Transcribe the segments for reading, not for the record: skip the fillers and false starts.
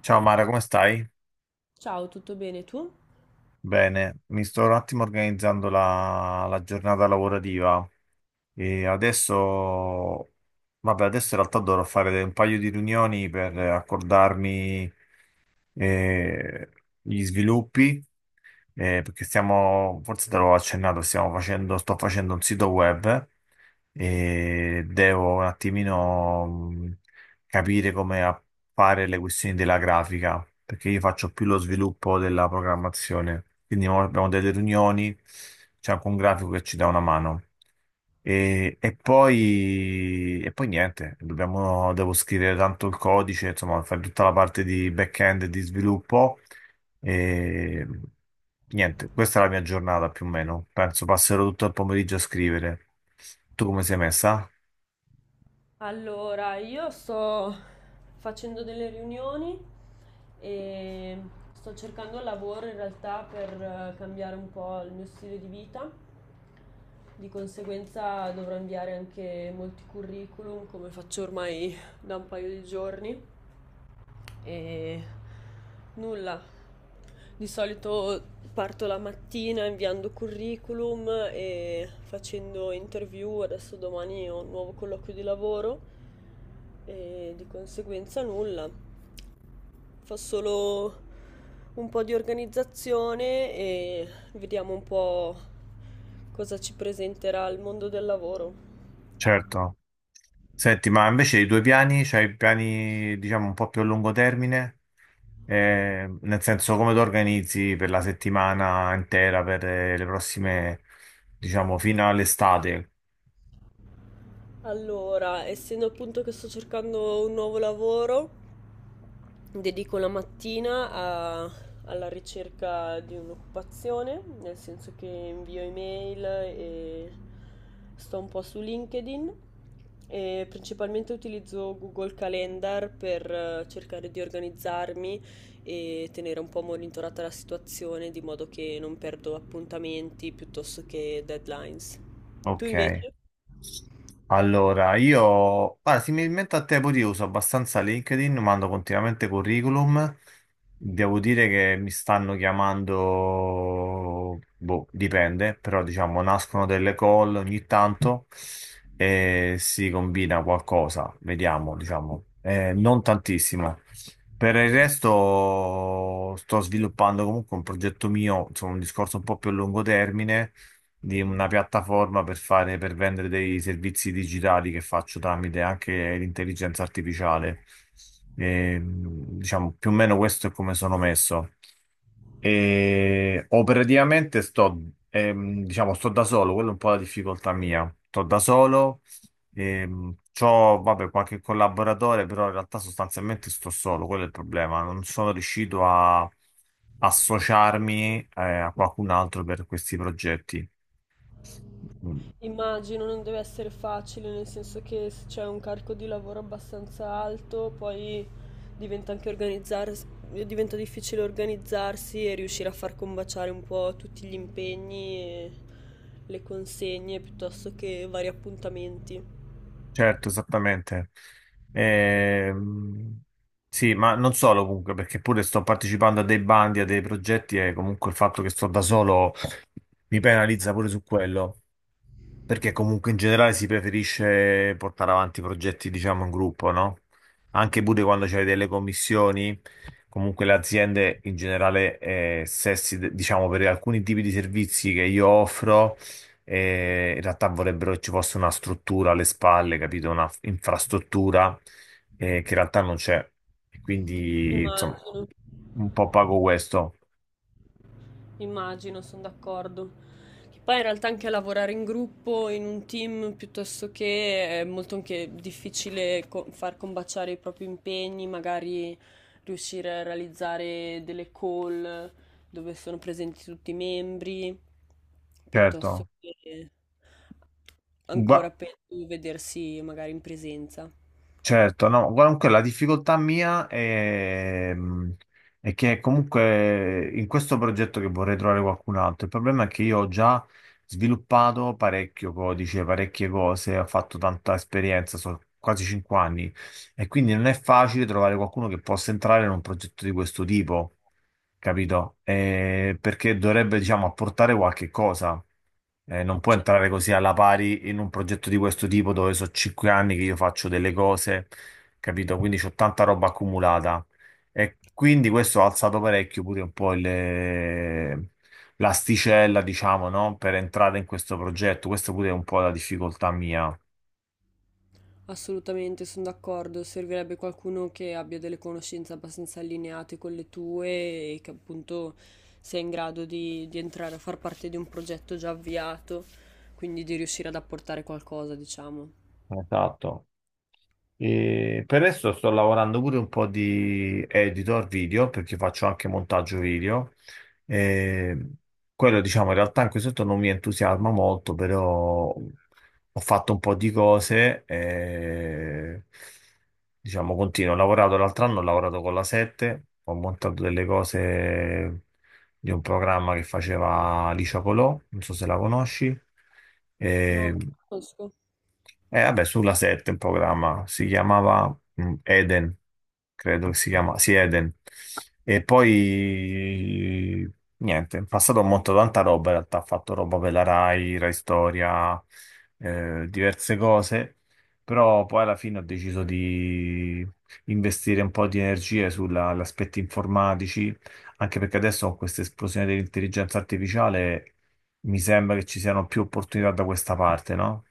Ciao Mara, come stai? Ciao, tutto bene tu? Bene, mi sto un attimo organizzando la giornata lavorativa e adesso, vabbè, adesso in realtà dovrò fare un paio di riunioni per accordarmi eh, gli sviluppi. Perché stiamo, forse te l'ho accennato, stiamo facendo, sto facendo un sito web e devo un attimino capire come fare le questioni della grafica, perché io faccio più lo sviluppo della programmazione. Quindi mo abbiamo delle riunioni, c'è anche un grafico che ci dà una mano. E poi niente, dobbiamo, devo scrivere tanto il codice, insomma, fare tutta la parte di back-end e di sviluppo e niente, questa è la mia giornata più o meno. Penso passerò tutto il pomeriggio a scrivere. Tu come sei messa? Allora, io sto facendo delle riunioni e sto cercando lavoro in realtà per cambiare un po' il mio stile di vita. Di conseguenza dovrò inviare anche molti curriculum, come faccio ormai da un paio di giorni. E nulla. Di solito parto la mattina inviando curriculum e facendo interview. Adesso domani ho un nuovo colloquio di lavoro e di conseguenza nulla. Fa solo un po' di organizzazione e vediamo un po' cosa ci presenterà il mondo del lavoro. Certo. Senti, ma invece i tuoi piani, c'hai piani, diciamo, un po' più a lungo termine? Nel senso, come ti organizzi per la settimana intera, per le prossime, diciamo, fino all'estate? Allora, essendo appunto che sto cercando un nuovo lavoro, dedico la mattina alla ricerca di un'occupazione, nel senso che invio email e sto un po' su LinkedIn e principalmente utilizzo Google Calendar per cercare di organizzarmi e tenere un po' monitorata la situazione di modo che non perdo appuntamenti piuttosto che deadlines. Tu Ok. invece? Allora, io, guarda, similmente a te, pure io uso abbastanza LinkedIn, mando continuamente curriculum. Devo dire che mi stanno chiamando, boh, dipende, però diciamo nascono delle call ogni tanto e si combina qualcosa, vediamo, diciamo, eh, non tantissimo. Per il resto sto sviluppando comunque un progetto mio, insomma un discorso un po' più a lungo termine, di una piattaforma per fare, per vendere dei servizi digitali che faccio tramite anche l'intelligenza artificiale. E, diciamo, più o meno questo è come sono messo. E operativamente sto, diciamo, sto da solo, quella è un po' la difficoltà mia. Sto da solo. C'ho, vabbè, qualche collaboratore, però in realtà sostanzialmente sto solo, quello è il problema. Non sono riuscito a associarmi, a qualcun altro per questi progetti. Mm, Immagino non deve essere facile, nel senso che se c'è un carico di lavoro abbastanza alto, poi diventa anche organizzars- diventa difficile organizzarsi e riuscire a far combaciare un po' tutti gli impegni e le consegne piuttosto che vari appuntamenti. Certo, esattamente. Ehm, sì, ma non solo comunque, perché pure sto partecipando a dei bandi, a dei progetti e comunque il fatto che sto da solo mi penalizza pure su quello. Perché comunque in generale si preferisce portare avanti progetti, diciamo, in gruppo, no? Anche pure quando c'è delle commissioni, comunque le aziende in generale, se si- diciamo, per alcuni tipi di servizi che io offro, in realtà vorrebbero che ci fosse una struttura alle spalle, capito? Una f- infrastruttura, che in realtà non c'è. E quindi, insomma, Immagino. un po' pago questo. Immagino, sono d'accordo. Che poi in realtà anche lavorare in gruppo, in un team, piuttosto che è molto anche difficile far combaciare i propri impegni, magari riuscire a realizzare delle call dove sono presenti tutti i membri, piuttosto Certo. che ancora peggio vedersi magari in presenza. Certo, no, comunque la difficoltà mia è che comunque in questo progetto che vorrei trovare qualcun altro, il problema è che io ho già sviluppato parecchio codice, parecchie cose, ho fatto tanta esperienza, sono quasi 5 anni e quindi non è facile trovare qualcuno che possa entrare in un progetto di questo tipo, capito? Perché dovrebbe, diciamo, apportare qualche cosa. Non può Certo. entrare così alla pari in un progetto di questo tipo dove so 5 anni che io faccio delle cose, capito? Quindi c'ho tanta roba accumulata. E quindi questo ha alzato parecchio pure un po' il- l'asticella, diciamo, no? Per entrare in questo progetto. Questa pure è un po' la difficoltà mia. Assolutamente, sono d'accordo. Servirebbe qualcuno che abbia delle conoscenze abbastanza allineate con le tue e che appunto sia in grado di entrare a far parte di un progetto già avviato, quindi di riuscire ad apportare qualcosa, diciamo. Esatto. E per adesso sto lavorando pure un po' di editor video perché faccio anche montaggio video. E quello, diciamo, in realtà anche sotto non mi entusiasma molto, però ho fatto un po' di cose. E, diciamo, continuo. Ho lavorato l'altro anno, ho lavorato con la La7, ho montato delle cose di un programma che faceva Licia Colò, non so se la conosci. No, E conosco. e vabbè, sulla La7 il programma si chiamava Eden, credo che si chiama, sì, Eden. E poi niente, in passato ho montato tanta roba, in realtà ho fatto roba per la Rai, Rai Storia, diverse cose, però poi alla fine ho deciso di investire un po' di energie sugli aspetti informatici, anche perché adesso con questa esplosione dell'intelligenza artificiale mi sembra che ci siano più opportunità da questa parte, no?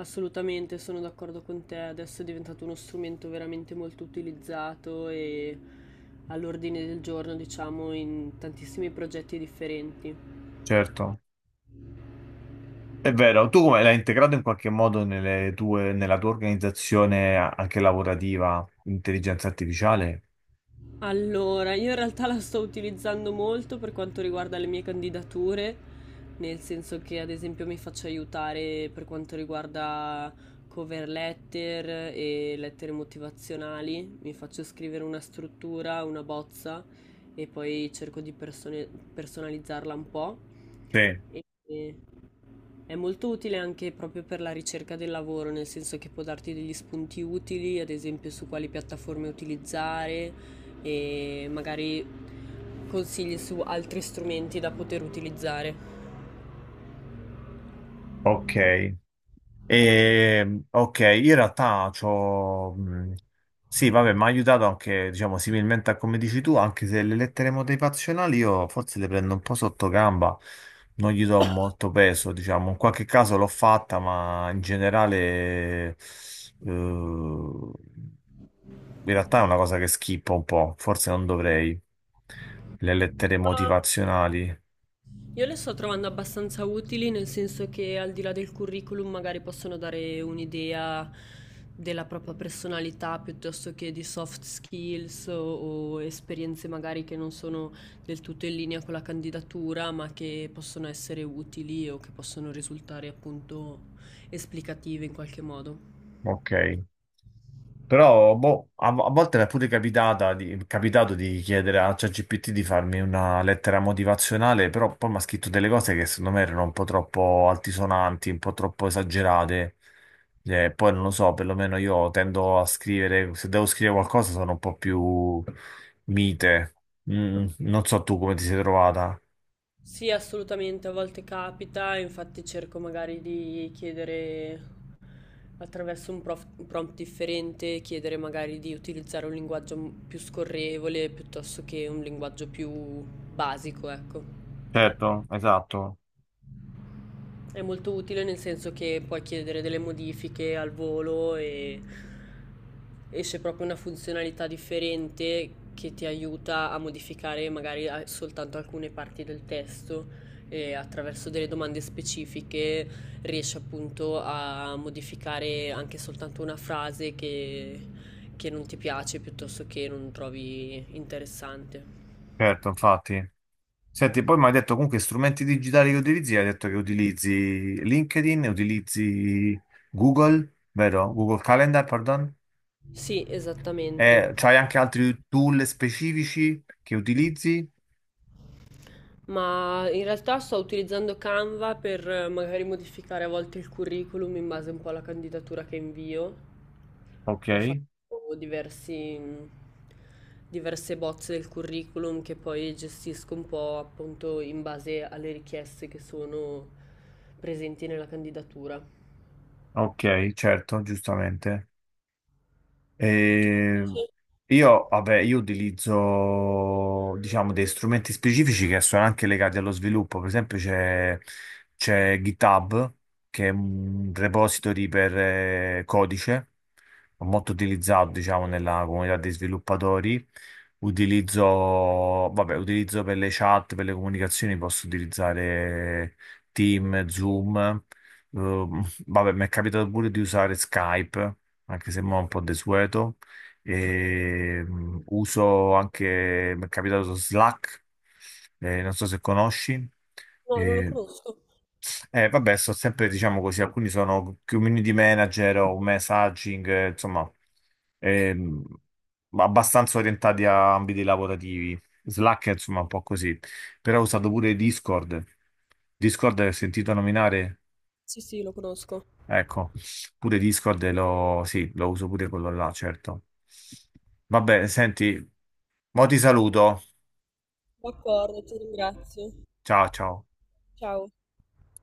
Assolutamente, sono d'accordo con te. Adesso è diventato uno strumento veramente molto utilizzato e all'ordine del giorno, diciamo, in tantissimi progetti differenti. Certo. È vero, tu come l'hai integrato in qualche modo nelle tue- nella tua organizzazione a- anche lavorativa, intelligenza artificiale? Allora, io in realtà la sto utilizzando molto per quanto riguarda le mie candidature, nel senso che ad esempio mi faccio aiutare per quanto riguarda cover letter e lettere motivazionali, mi faccio scrivere una struttura, una bozza e poi personalizzarla un po'. Sì. E... È molto utile anche proprio per la ricerca del lavoro, nel senso che può darti degli spunti utili, ad esempio su quali piattaforme utilizzare e magari consigli su altri strumenti da poter utilizzare. Ok. E, ok, in realtà c'ho... sì, vabbè, mi ha aiutato anche, diciamo, similmente a come dici tu, anche se le lettere motivazionali io forse le prendo un po' sotto gamba, non gli do molto peso, diciamo. In qualche caso l'ho fatta, ma in generale... eh, in realtà è una cosa che schippo un po', forse non dovrei. Le lettere motivazionali. Io le sto trovando abbastanza utili, nel senso che al di là del curriculum magari possono dare un'idea della propria personalità piuttosto che di soft skills o esperienze magari che non sono del tutto in linea con la candidatura, ma che possono essere utili o che possono risultare appunto esplicative in qualche modo. Ok. Però boh, a volte mi è pure capitata di- capitato di chiedere a ChatGPT di farmi una lettera motivazionale, però poi mi ha scritto delle cose che secondo me erano un po' troppo altisonanti, un po' troppo esagerate. Poi non lo so, perlomeno io tendo a scrivere, se devo scrivere qualcosa sono un po' più mite. Non so tu come ti sei trovata. Sì, assolutamente, a volte capita, infatti cerco magari di chiedere attraverso un prompt differente, chiedere magari di utilizzare un più scorrevole piuttosto che un linguaggio più basico, ecco. Certo, esatto, È molto utile nel senso che puoi chiedere delle modifiche al volo e esce proprio una funzionalità differente che ti aiuta a modificare soltanto alcune parti del testo e attraverso delle domande specifiche riesci appunto a modificare anche soltanto una frase che non ti piace piuttosto che non trovi interessante. certo, infatti. Senti, poi mi hai detto comunque strumenti digitali che utilizzi, hai detto che utilizzi LinkedIn, utilizzi Google, vero? Google Calendar, pardon. Sì, E esattamente. c'hai anche altri tool specifici che utilizzi? Ma in realtà sto utilizzando Canva per magari modificare a volte il curriculum in base un po' alla candidatura che invio. Ok, Ho fatto diversi, diverse bozze del curriculum che poi gestisco un po' appunto in base alle richieste che sono presenti nella candidatura. ok, certo, giustamente. Eh, io, vabbè, io utilizzo, diciamo, dei strumenti specifici che sono anche legati allo sviluppo. Per esempio, c'è GitHub, che è un repository per codice, molto utilizzato, diciamo, nella comunità dei sviluppatori. Utilizzo, vabbè, utilizzo per le chat, per le comunicazioni, posso utilizzare Team, Zoom. Eh, vabbè, mi è capitato pure di usare Skype anche se mo' è un po' desueto. E, uso anche, mi è capitato Slack, non so se conosci. No, non lo E, conosco. Vabbè, sto sempre, diciamo così, alcuni sono community manager o messaging, insomma, ehm, abbastanza orientati a ambiti lavorativi. Slack è, insomma, un po' così. Però ho usato pure Discord. Discord, hai sentito nominare? Sì, sì, lo conosco. Ecco, pure Discord lo, sì, lo uso pure quello là, certo. Vabbè, senti, mo ti saluto. D'accordo, ti ringrazio. Ciao, ciao. Ciao.